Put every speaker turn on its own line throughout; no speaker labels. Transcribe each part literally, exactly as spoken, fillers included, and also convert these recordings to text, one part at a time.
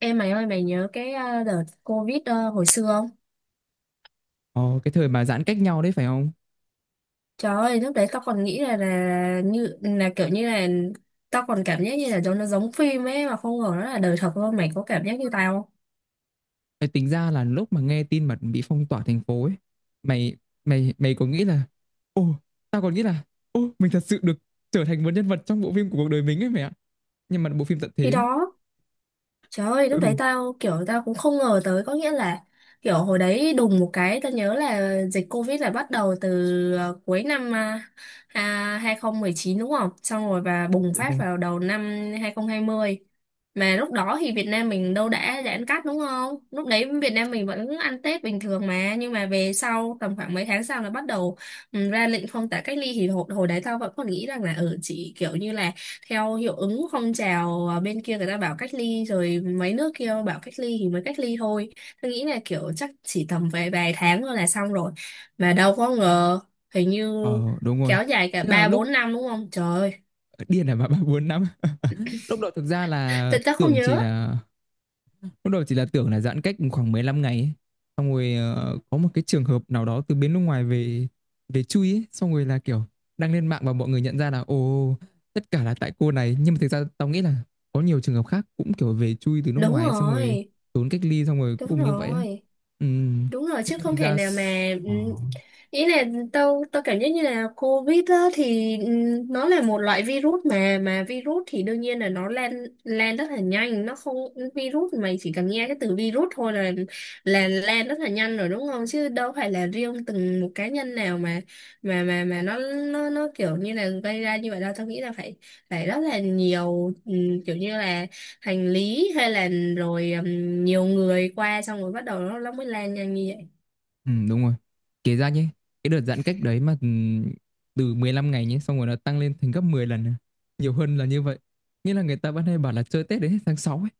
Em mày ơi, mày nhớ cái ờ, đợt Covid ờ, hồi xưa không?
Ờ, cái thời mà giãn cách nhau đấy phải không?
Trời ơi, lúc đấy tao còn nghĩ là là như là kiểu như là tao còn cảm giác như là cho nó giống phim ấy, mà không ngờ nó là đời thật luôn. Mày có cảm giác như tao không?
Mày tính ra là lúc mà nghe tin mà bị phong tỏa thành phố ấy, mày mày mày có nghĩ là ồ, tao còn nghĩ là ồ, mình thật sự được trở thành một nhân vật trong bộ phim của cuộc đời mình ấy mày ạ. Nhưng mà bộ phim tận
Khi
thế.
đó trời ơi, lúc đấy
Ừ,
tao kiểu tao cũng không ngờ tới, có nghĩa là kiểu hồi đấy đùng một cái, tao nhớ là dịch Covid là bắt đầu từ ờ, cuối năm à, à, hai không một chín đúng không? Xong rồi và bùng
đúng
phát
rồi.
vào đầu năm hai không hai không. Mà lúc đó thì Việt Nam mình đâu đã giãn cách đúng không? Lúc đấy Việt Nam mình vẫn ăn Tết bình thường mà, nhưng mà về sau tầm khoảng mấy tháng sau là bắt đầu ừ, ra lệnh phong tỏa cách ly. Thì hồi, hồi đấy tao vẫn còn nghĩ rằng là ở ừ, chỉ kiểu như là theo hiệu ứng phong trào à, bên kia người ta bảo cách ly, rồi mấy nước kia bảo cách ly thì mới cách ly thôi. Tôi nghĩ là kiểu chắc chỉ tầm vài vài tháng thôi là xong rồi, mà đâu có ngờ hình như
Ờ, đúng rồi.
kéo dài cả
Tức là
ba
lúc
bốn năm, đúng không? Trời ơi,
ờ, điên này mà bà bốn năm. Lúc đó thực ra là
tôi chắc không
tưởng chỉ
nhớ.
là Lúc đầu chỉ là tưởng là giãn cách khoảng mười lăm ngày ấy. Xong rồi ờ, có một cái trường hợp nào đó từ bên nước ngoài về về chui ấy. Xong rồi là kiểu đăng lên mạng và mọi người nhận ra là ồ, tất cả là tại cô này. Nhưng mà thực ra tao nghĩ là có nhiều trường hợp khác cũng kiểu về chui từ nước
Đúng
ngoài ấy. Xong rồi
rồi,
trốn cách ly xong rồi cuối
đúng
cùng như vậy á.
rồi.
Ừ.
Đúng rồi,
Thế
chứ
là
không
thành
thể
ra
nào
s-
mà
Ờ.
ừm, ý là tao tao cảm giác như là COVID á thì ừm, nó là một loại virus, mà mà virus thì đương nhiên là nó lan lan rất là nhanh. Nó không, virus, mày chỉ cần nghe cái từ virus thôi là là lan rất là nhanh rồi, đúng không? Chứ đâu phải là riêng từng một cá nhân nào mà mà mà mà nó nó nó kiểu như là gây ra như vậy đâu. Tao nghĩ là phải phải rất là nhiều ừm, kiểu như là hành lý hay là rồi ừm, nhiều người qua, xong rồi bắt đầu nó, nó mới lan nhanh như vậy.
Ừ, đúng rồi. Kể ra nhé, cái đợt giãn cách đấy mà ừ, từ mười lăm ngày nhé, xong rồi nó tăng lên thành gấp mười lần. à, Nhiều hơn là như vậy. Nghĩa là người ta vẫn hay bảo là chơi Tết đến hết tháng sáu ấy.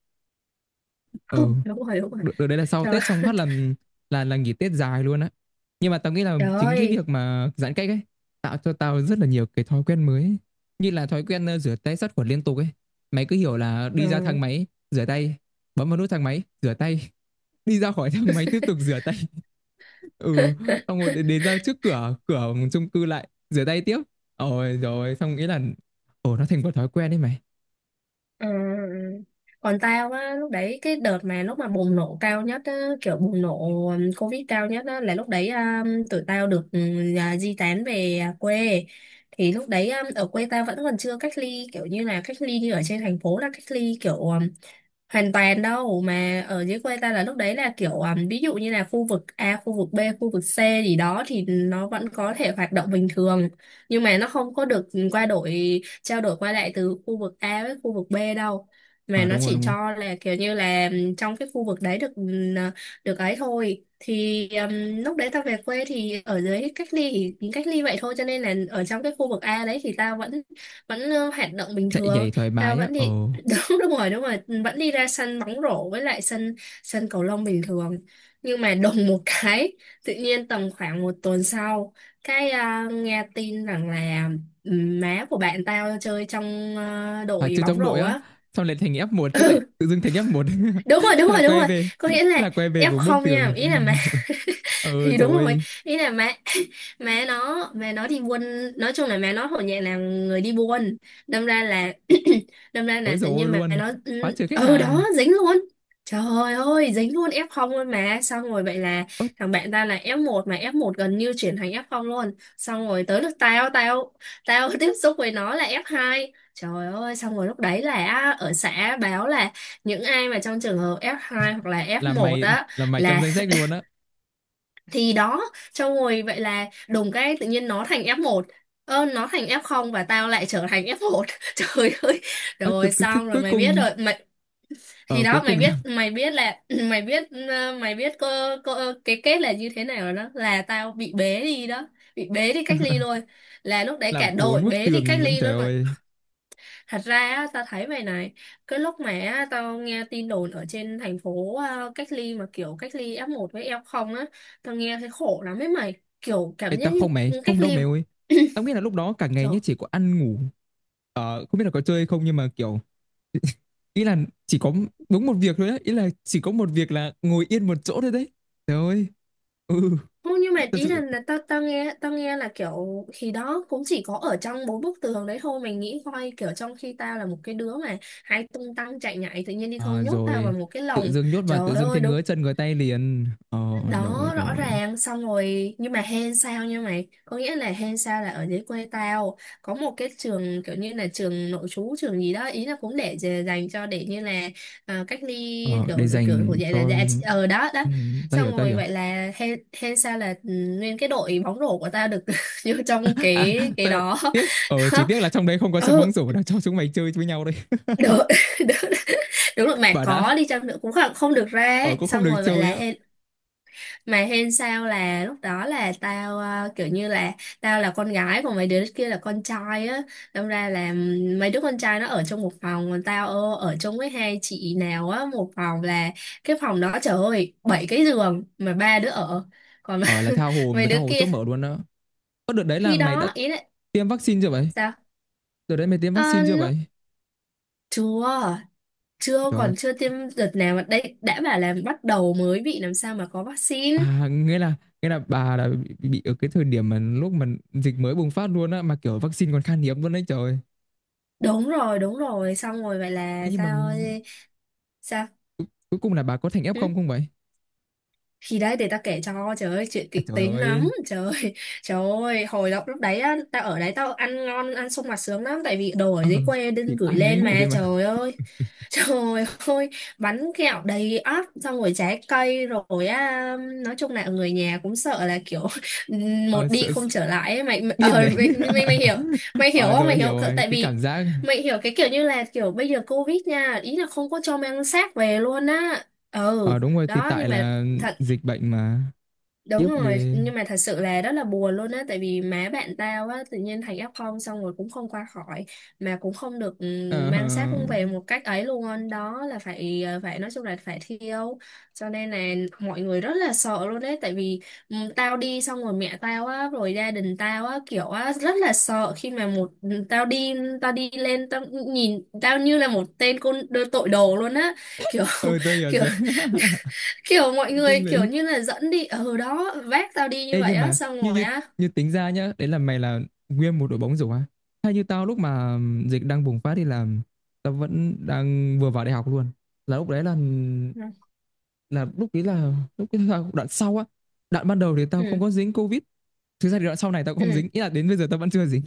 ừ
Đúng rồi, đúng rồi.
được, được đấy là sau
Trời
Tết xong
ơi,
phát là là là nghỉ Tết dài luôn á. Nhưng mà tao nghĩ là
trời
chính cái
ơi.
việc mà giãn cách ấy tạo cho tao rất là nhiều cái thói quen mới ấy, như là thói quen ờ, rửa tay sát khuẩn liên tục ấy. Mày cứ hiểu là đi ra
Ừ.
thang máy rửa tay, bấm vào nút thang máy rửa tay, đi ra khỏi thang máy tiếp tục rửa tay. Ừ, xong rồi đến, đến ra trước cửa cửa chung cư lại rửa tay tiếp. Ôi, rồi xong nghĩ là ồ, nó thành một thói quen đấy mày.
Ừ. Còn tao á, lúc đấy cái đợt mà lúc mà bùng nổ cao nhất á, kiểu bùng nổ um, Covid cao nhất á, là lúc đấy um, tụi tao được um, à, di tán về à, quê. Thì lúc đấy um, ở quê tao vẫn còn chưa cách ly, kiểu như là cách ly như ở trên thành phố là cách ly kiểu um, hoàn toàn đâu. Mà ở dưới quê ta là lúc đấy là kiểu um, ví dụ như là khu vực A, khu vực B, khu vực C gì đó, thì nó vẫn có thể hoạt động bình thường. Nhưng mà nó không có được qua đổi, trao đổi qua lại từ khu vực A với khu vực B đâu, mà
Ờ,
nó
đúng rồi
chỉ
đúng rồi.
cho là kiểu như là um, trong cái khu vực đấy được, um, được ấy thôi. Thì um, lúc đấy ta về quê, thì ở dưới cách ly thì cách ly vậy thôi, cho nên là ở trong cái khu vực A đấy thì ta vẫn vẫn uh, hoạt động bình
Chạy nhảy
thường.
thoải
Ta
mái á,
vẫn đi
ồ.
đúng đúng rồi, đúng rồi. Ừ, vẫn đi ra sân bóng rổ với lại sân sân cầu lông bình thường. Nhưng mà đùng một cái, tự nhiên tầm khoảng một tuần sau cái à, nghe tin rằng là ừm, má của bạn tao chơi trong à,
Phải
đội
chơi
bóng
trong đội
rổ
á,
á.
xong lại thành ép một, chứ lại tự dưng thành ép một.
Đúng rồi, đúng
thế là
rồi, đúng
quay
rồi.
về
Có
thế
nghĩa là
là quay về một bức
ép không
tường.
nha, ý là má,
Ờ,
thì đúng rồi,
rồi.
ý là mẹ. mẹ nó mẹ nó đi buôn, nói chung là mẹ nó hồi nhẹ là người đi buôn. Đâm ra là đâm ra
Ôi,
là tự
rồi
nhiên mẹ
luôn.
nó
Phá
ừ
trừ khách
ừ,
hàng.
đó dính luôn. Trời ơi, dính luôn ép không luôn mà. Xong rồi vậy là
Ớt.
thằng bạn ta là ép một, mà ép một gần như chuyển thành ép không luôn. Xong rồi tới lúc tao tao tao tiếp xúc với nó là ép hai. Trời ơi, xong rồi lúc đấy là ở xã báo là những ai mà trong trường hợp ép hai hoặc là
Là
ép một
mày,
á,
là mày trong
là
danh sách luôn á.
thì đó. Xong rồi vậy là đùng cái, tự nhiên nó thành ép một, ơ, nó thành ép không, và tao lại trở thành ép một. Trời ơi,
Ớt, từ
rồi
từ, thế
xong rồi
cuối
mày biết
cùng,
rồi mày. Thì
ở cuối
đó, mày
cùng là
biết, mày biết là mày biết ờ, mày biết có, có cái kết là như thế nào rồi, đó là tao bị bế đi đó, bị bế đi cách ly luôn, là lúc đấy
là
cả
bốn
đội
bức
bế đi cách
tường luôn.
ly
Trời
luôn.
ơi.
Thật ra á, tao thấy vậy này, cái lúc mà á, tao nghe tin đồn ở trên thành phố à, cách ly mà kiểu cách ly ép một với ép không á, tao nghe thấy khổ lắm ấy mày, kiểu
Ê,
cảm giác
tao không, mày
như cách
không đâu
ly.
mày ơi. Tao nghĩ là lúc đó cả ngày
Trời,
nhé, chỉ có ăn ngủ, ờ không biết là có chơi không, nhưng mà kiểu, ý là chỉ có đúng một việc thôi đấy, ý là chỉ có một việc là ngồi yên một chỗ thôi đấy. Trời ơi. Ừ.
không, nhưng mà
Thật
ý là,
sự.
là tao tao nghe, tao nghe là kiểu khi đó cũng chỉ có ở trong bốn bức tường đấy thôi. Mày nghĩ coi, kiểu trong khi tao là một cái đứa mà hay tung tăng chạy nhảy, tự nhiên đi
Ờ,
không, nhốt tao
rồi
vào một cái
tự
lồng.
dưng nhốt vào, tự
Trời
dưng thấy
ơi đúng
ngứa chân ngứa tay liền, ờ. Rồi
đó, rõ
rồi.
ràng. Xong rồi nhưng mà hên sao nha mày, có nghĩa là hên sao là ở dưới quê tao có một cái trường kiểu như là trường nội trú, trường gì đó, ý là cũng để dè- dành cho để như là à, cách ly
Ờ, để
kiểu kiểu
dành
của. Vậy là
cho.
dạ ờ, đó đó.
Ừ, tao hiểu
Xong
tao
rồi
hiểu.
vậy là hên hên sao là ừ, nguyên cái đội bóng rổ của tao được vô trong
À,
cái cái
tê-
đó.
tiếc, ờ
Đó,
chỉ tiếc là trong đấy không có sân bóng
ừ,
rổ để cho chúng mày chơi với nhau đây.
được. đúng, đúng rồi, mà
Bà đã.
có đi chăng nữa cũng không, không được ra
Ờ,
ấy.
cũng không
Xong
được
rồi vậy
chơi
là
á.
hên, mà hên sao là lúc đó là tao ờ, kiểu như là tao là con gái, còn mấy đứa kia là con trai á. Đâm ra là mấy đứa con trai nó ở trong một phòng, còn tao ờ, ở chung với hai chị nào á, một phòng. Là cái phòng đó trời ơi, bảy cái giường mà ba đứa ở, còn
Ờ, là tha hồ
mấy
mà tha
đứa
hồ
kia.
chỗ mở luôn á. Có đợt đấy là
Khi
mày đã
đó ý là
tiêm vaccine chưa vậy?
sao?
Đợt đấy mày tiêm
Ờ,
vaccine chưa
lúc
vậy?
chưa chưa
Trời ơi.
còn chưa tiêm đợt nào, mà đây đã bảo là bắt đầu mới bị, làm sao mà có vaccine.
À, nghĩa là, nghĩa là bà đã bị, bị ở cái thời điểm mà lúc mà dịch mới bùng phát luôn á, mà kiểu vaccine còn khan hiếm luôn đấy, trời.
Đúng rồi, đúng rồi. Xong rồi vậy
Thế
là
nhưng mà
sao, sao?
cu- cuối cùng là bà có thành f
Ừ?
không không vậy?
Thì đấy, để tao kể cho. Trời ơi, chuyện
À,
kịch
trời
tính lắm.
ơi.
Trời ơi, trời ơi, hồi lúc lúc đấy á tao ở đấy, tao ăn ngon, ăn sung mặt sướng lắm, tại vì đồ ở
Ờ,
dưới quê
chỉ
đinh
có
gửi
ăn với
lên
ngủ thôi
mà.
mà.
Trời ơi trời ơi, bánh kẹo đầy ắp, xong rồi trái cây rồi á. Nói chung là người nhà cũng sợ là kiểu
Ờ,
một đi
sợ sợ-
không trở lại ấy. Mày mày, ờ,
điên đấy.
mày, mày mày hiểu, mày hiểu
Ờ
không?
rồi,
Mày
hiểu
hiểu
rồi,
tại
cái
vì
cảm giác.
mày hiểu cái kiểu như là kiểu bây giờ Covid nha, ý là không có cho mang xác về luôn á. Ừ
Ờ, đúng rồi, thì
đó,
tại
nhưng mà
là
thật.
dịch bệnh mà. Tiếp
Đúng rồi,
ghê.
nhưng mà thật sự là rất là buồn luôn á, tại vì má bạn tao á, tự nhiên thành ép không xong rồi cũng không qua khỏi, mà cũng không được
Ờ,
ừm, mang xác cũng về một cách ấy luôn, đó là phải ờ, phải nói chung là phải thiêu, cho nên là mọi người rất là sợ luôn đấy, tại vì ừm, tao đi, xong rồi mẹ tao á, rồi gia đình tao á, kiểu á, rất là sợ khi mà một ừ, tao đi, tao đi lên, tao nhìn tao như là một tên côn đồ- tội đồ luôn á, kiểu
ờ, tôi hiểu
kiểu,
rồi.
kiểu mọi
Dưng
người kiểu
lại.
như là dẫn đi ở đó, vác tao đi như
Ê,
vậy
nhưng
á,
mà
xong
như
rồi
như
á.
như tính ra nhá, đấy là mày là nguyên một đội bóng rổ á. Hay như tao, lúc mà dịch đang bùng phát đi là tao vẫn đang vừa vào đại học luôn. Là lúc đấy là
Ừ.
là lúc đấy là lúc đấy là đoạn sau á. Đoạn ban đầu thì tao không
Ừ.
có dính Covid. Thực ra thì đoạn sau này tao cũng không
Ừ.
dính, ý là đến bây giờ tao vẫn chưa dính.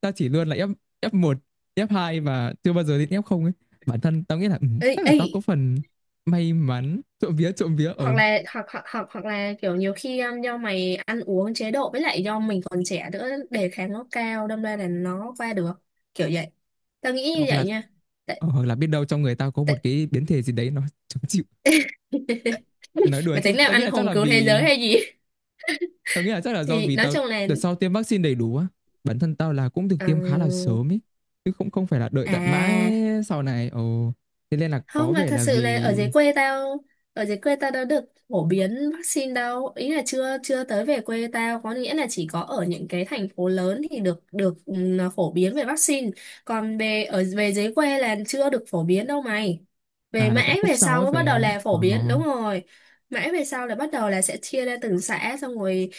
Tao chỉ luôn là F f một, f hai và chưa bao giờ đến f không ấy. Bản thân tao nghĩ là ừ,
Ê,
chắc là
ê.
tao có phần may mắn, trộm vía trộm vía ở,
Hoặc là, hoặc hoặc hoặc hoặc là kiểu nhiều khi um, do mày ăn uống chế độ, với lại do mình còn trẻ nữa, đề kháng nó cao, đâm ra là nó qua được kiểu vậy. Tao nghĩ như
hoặc
vậy
là.
nha. tại,
Ờ, hoặc là biết đâu trong người tao có một
tại...
cái biến thể gì đấy, nó chống chịu. Nói đùa
Mày
chứ,
tính làm
tao nghĩ
anh
là chắc
hùng
là
cứu thế
vì
giới hay gì?
tao nghĩ là chắc là do
Thì
vì
nói
tao
chung là
đợt sau tiêm vaccine đầy đủ á. Bản thân tao là cũng được
ờ,
tiêm khá là sớm ấy, chứ không không phải là đợi tận mãi
à
sau này. Ồ, thế nên là có
không, là
vẻ
thật
là
sự là ở
vì
dưới quê tao, ở dưới quê tao đã được phổ biến vaccine đâu, ý là chưa chưa tới về quê tao. Có nghĩa là chỉ có ở những cái thành phố lớn thì được được ừ, phổ biến về vaccine, còn về ở về dưới quê là chưa được phổ biến đâu mày. Về
à, là tận
mãi
khúc
về
sau
sau
ấy
mới bắt
phải
đầu
không?
là
Ờ.
phổ biến, đúng rồi. Mãi về sau là bắt đầu là sẽ chia ra từng xã, xong rồi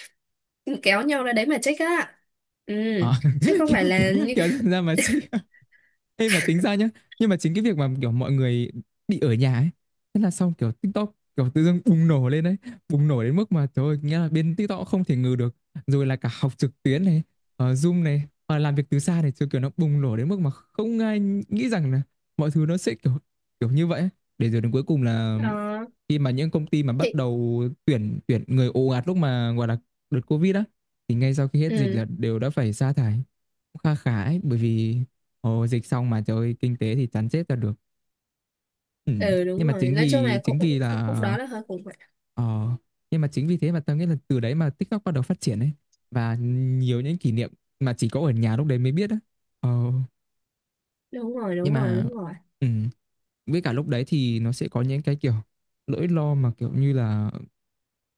kéo nhau ra đấy mà check á. Ừ,
À,
chứ không
kiểu,
phải
kiểu,
là như
kiểu ra mà chị. Ê, mà tính ra nhá, nhưng mà chính cái việc mà kiểu mọi người bị ở nhà ấy, thế là xong, kiểu TikTok kiểu tự dưng bùng nổ lên đấy. Bùng nổ đến mức mà trời ơi, nghĩa là bên TikTok cũng không thể ngừ được. Rồi là cả học trực tuyến này, ờ, Zoom này, ờ, làm việc từ xa này. Chứ kiểu nó bùng nổ đến mức mà không ai nghĩ rằng là mọi thứ nó sẽ kiểu kiểu như vậy ấy. Để rồi đến cuối cùng là,
ờ,
khi mà những công ty mà bắt
thì
đầu tuyển tuyển người ồ ạt lúc mà gọi là đợt Covid á, thì ngay sau khi hết dịch
ừ
là đều đã phải sa thải cũng kha khá ấy, bởi vì ồ, dịch xong mà trời ơi, kinh tế thì chán chết ra được. Ừm,
ừ
nhưng
đúng
mà
rồi.
chính
Nói chung
vì
là
chính vì
cũng cũng-
là
lúc đó là hơi khủng.
ờ, nhưng mà chính vì thế mà tao nghĩ là từ đấy mà TikTok bắt đầu phát triển ấy, và nhiều những kỷ niệm mà chỉ có ở nhà lúc đấy mới biết á. Ờ,
Đúng rồi,
nhưng
đúng rồi,
mà,
đúng rồi.
ừm, với cả lúc đấy thì nó sẽ có những cái kiểu nỗi lo mà kiểu như là,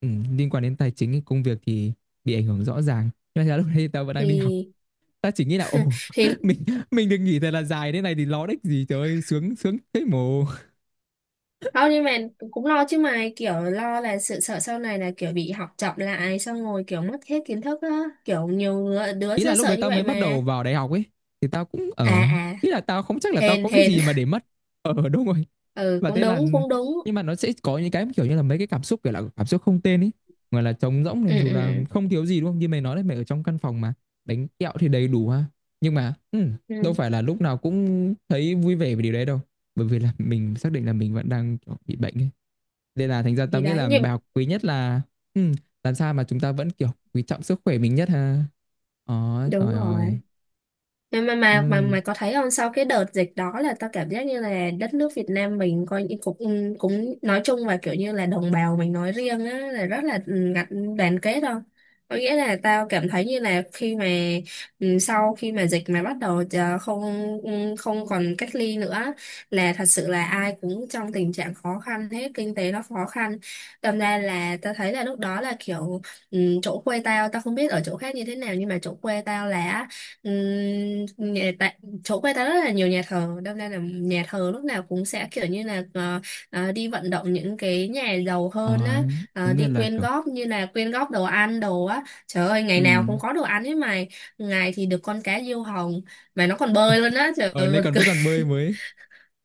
ừm, liên quan đến tài chính công việc thì bị ảnh hưởng rõ ràng. Nhưng mà thật ra lúc đấy tao vẫn đang đi học,
thì
ta chỉ nghĩ là ồ,
thì
mình mình được nghỉ thật là dài thế này thì lo đếch gì, trời ơi, sướng sướng thế mồ.
không, nhưng mà cũng lo chứ, mà kiểu lo là sự sợ sau này là kiểu bị học chậm lại, xong rồi kiểu mất hết kiến thức á, kiểu nhiều ngứa- đứa
Ý là
sẽ
lúc
sợ
đấy
như
tao
vậy
mới bắt
mà.
đầu vào đại học ấy, thì tao cũng
À
ở,
à,
ý là tao không chắc là tao
hèn
có cái
hèn.
gì mà để mất. Ờ, đúng rồi.
Ừ,
Và
cũng
thế là,
đúng, cũng đúng.
nhưng mà nó sẽ có những cái kiểu như là mấy cái cảm xúc kiểu là cảm xúc không tên ấy, gọi là trống rỗng
Ừ.
này, dù là
Ừ.
không thiếu gì đúng không, như mày nói đấy, mày ở trong căn phòng mà bánh kẹo thì đầy đủ ha. Nhưng mà ừ,
Ừ.
đâu
Ừ,
phải là lúc nào cũng thấy vui vẻ về điều đấy đâu, bởi vì là mình xác định là mình vẫn đang kiểu bị bệnh ấy. Nên là thành ra tao
thì
nghĩ
đấy
là
nhưng
bài học quý nhất là, ừ, làm sao mà chúng ta vẫn kiểu quý trọng sức khỏe mình nhất ha. Ờ,
đúng
trời ơi.
rồi, mà mà mà mà
Ừ,
mày có thấy không, sau cái đợt dịch đó là tao cảm giác như là đất nước Việt Nam mình coi như cũng cũng nói chung, và kiểu như là đồng bào mình nói riêng á, là rất là ừ, gắn đoàn kết không? Có nghĩa là tao cảm thấy như là khi mà ừ, sau khi mà dịch mà bắt đầu ờ, không ừ, không còn cách ly nữa, là thật sự là ai cũng trong tình trạng khó khăn hết, kinh tế nó khó khăn. Đâm ra là tao thấy là lúc đó là kiểu ừ, chỗ quê tao, tao không biết ở chỗ khác như thế nào, nhưng mà chỗ quê tao là á, ừm, nhà- tại chỗ quê ta rất là nhiều nhà thờ, đâm ra là nhà thờ lúc nào cũng sẽ kiểu như là ờ, ờ, đi vận động những cái nhà giàu hơn
ờ,
á, ờ,
đúng
đi
là
quyên
kiểu
góp, như là quyên góp đồ ăn đồ á. Trời ơi,
ừ.
ngày nào cũng có đồ ăn ấy mày. Ngày thì được con cá diêu hồng mà nó còn bơi luôn á, trời
Ờ,
ơi
lại
buồn
còn
cười.
vẫn còn bơi mới.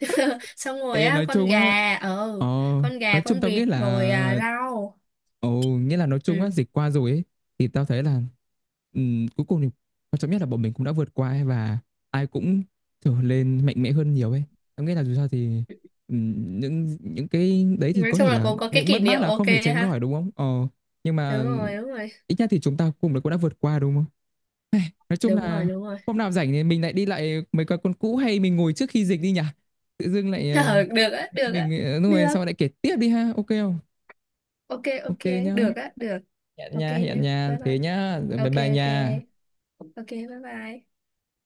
Xong rồi
Ê,
á
nói
con
chung á,
gà ờ,
ờ,
con gà
nói chung
con
tao nghĩ
vịt rồi à,
là,
rau.
ồ, nghĩa là nói chung á,
Ừ.
dịch qua rồi ấy, thì tao thấy là, ừm, cuối cùng thì quan trọng nhất là bọn mình cũng đã vượt qua ấy, và ai cũng trở lên mạnh mẽ hơn nhiều ấy. Tao nghĩ là dù sao thì, ừm, những những cái đấy thì
Nói
có
chung
thể
là
là
cũng có cái
những
kỷ
mất mát
niệm,
là
ok
không thể tránh
ha.
khỏi đúng không? Ờ, nhưng mà
Đúng rồi, đúng rồi,
ít nhất thì chúng ta cùng cũng đã vượt qua đúng không? Nói chung
đúng rồi,
là
đúng rồi.
hôm nào rảnh thì mình lại đi lại mấy quán con cũ hay mình ngồi trước khi dịch đi nhỉ? Tự dưng lại, ờ,
Ờ, được á, được á,
mình, ờ, đúng rồi,
được.
sao lại kể tiếp đi ha, ok không?
Ok, ok,
Ok nhá.
được á, được.
Hẹn
Ok
nha, hẹn
nhé.
nha,
Bye
thế
bye.
nhá, rồi bye
Ok,
bye
ok.
nha.
Ok, bye bye.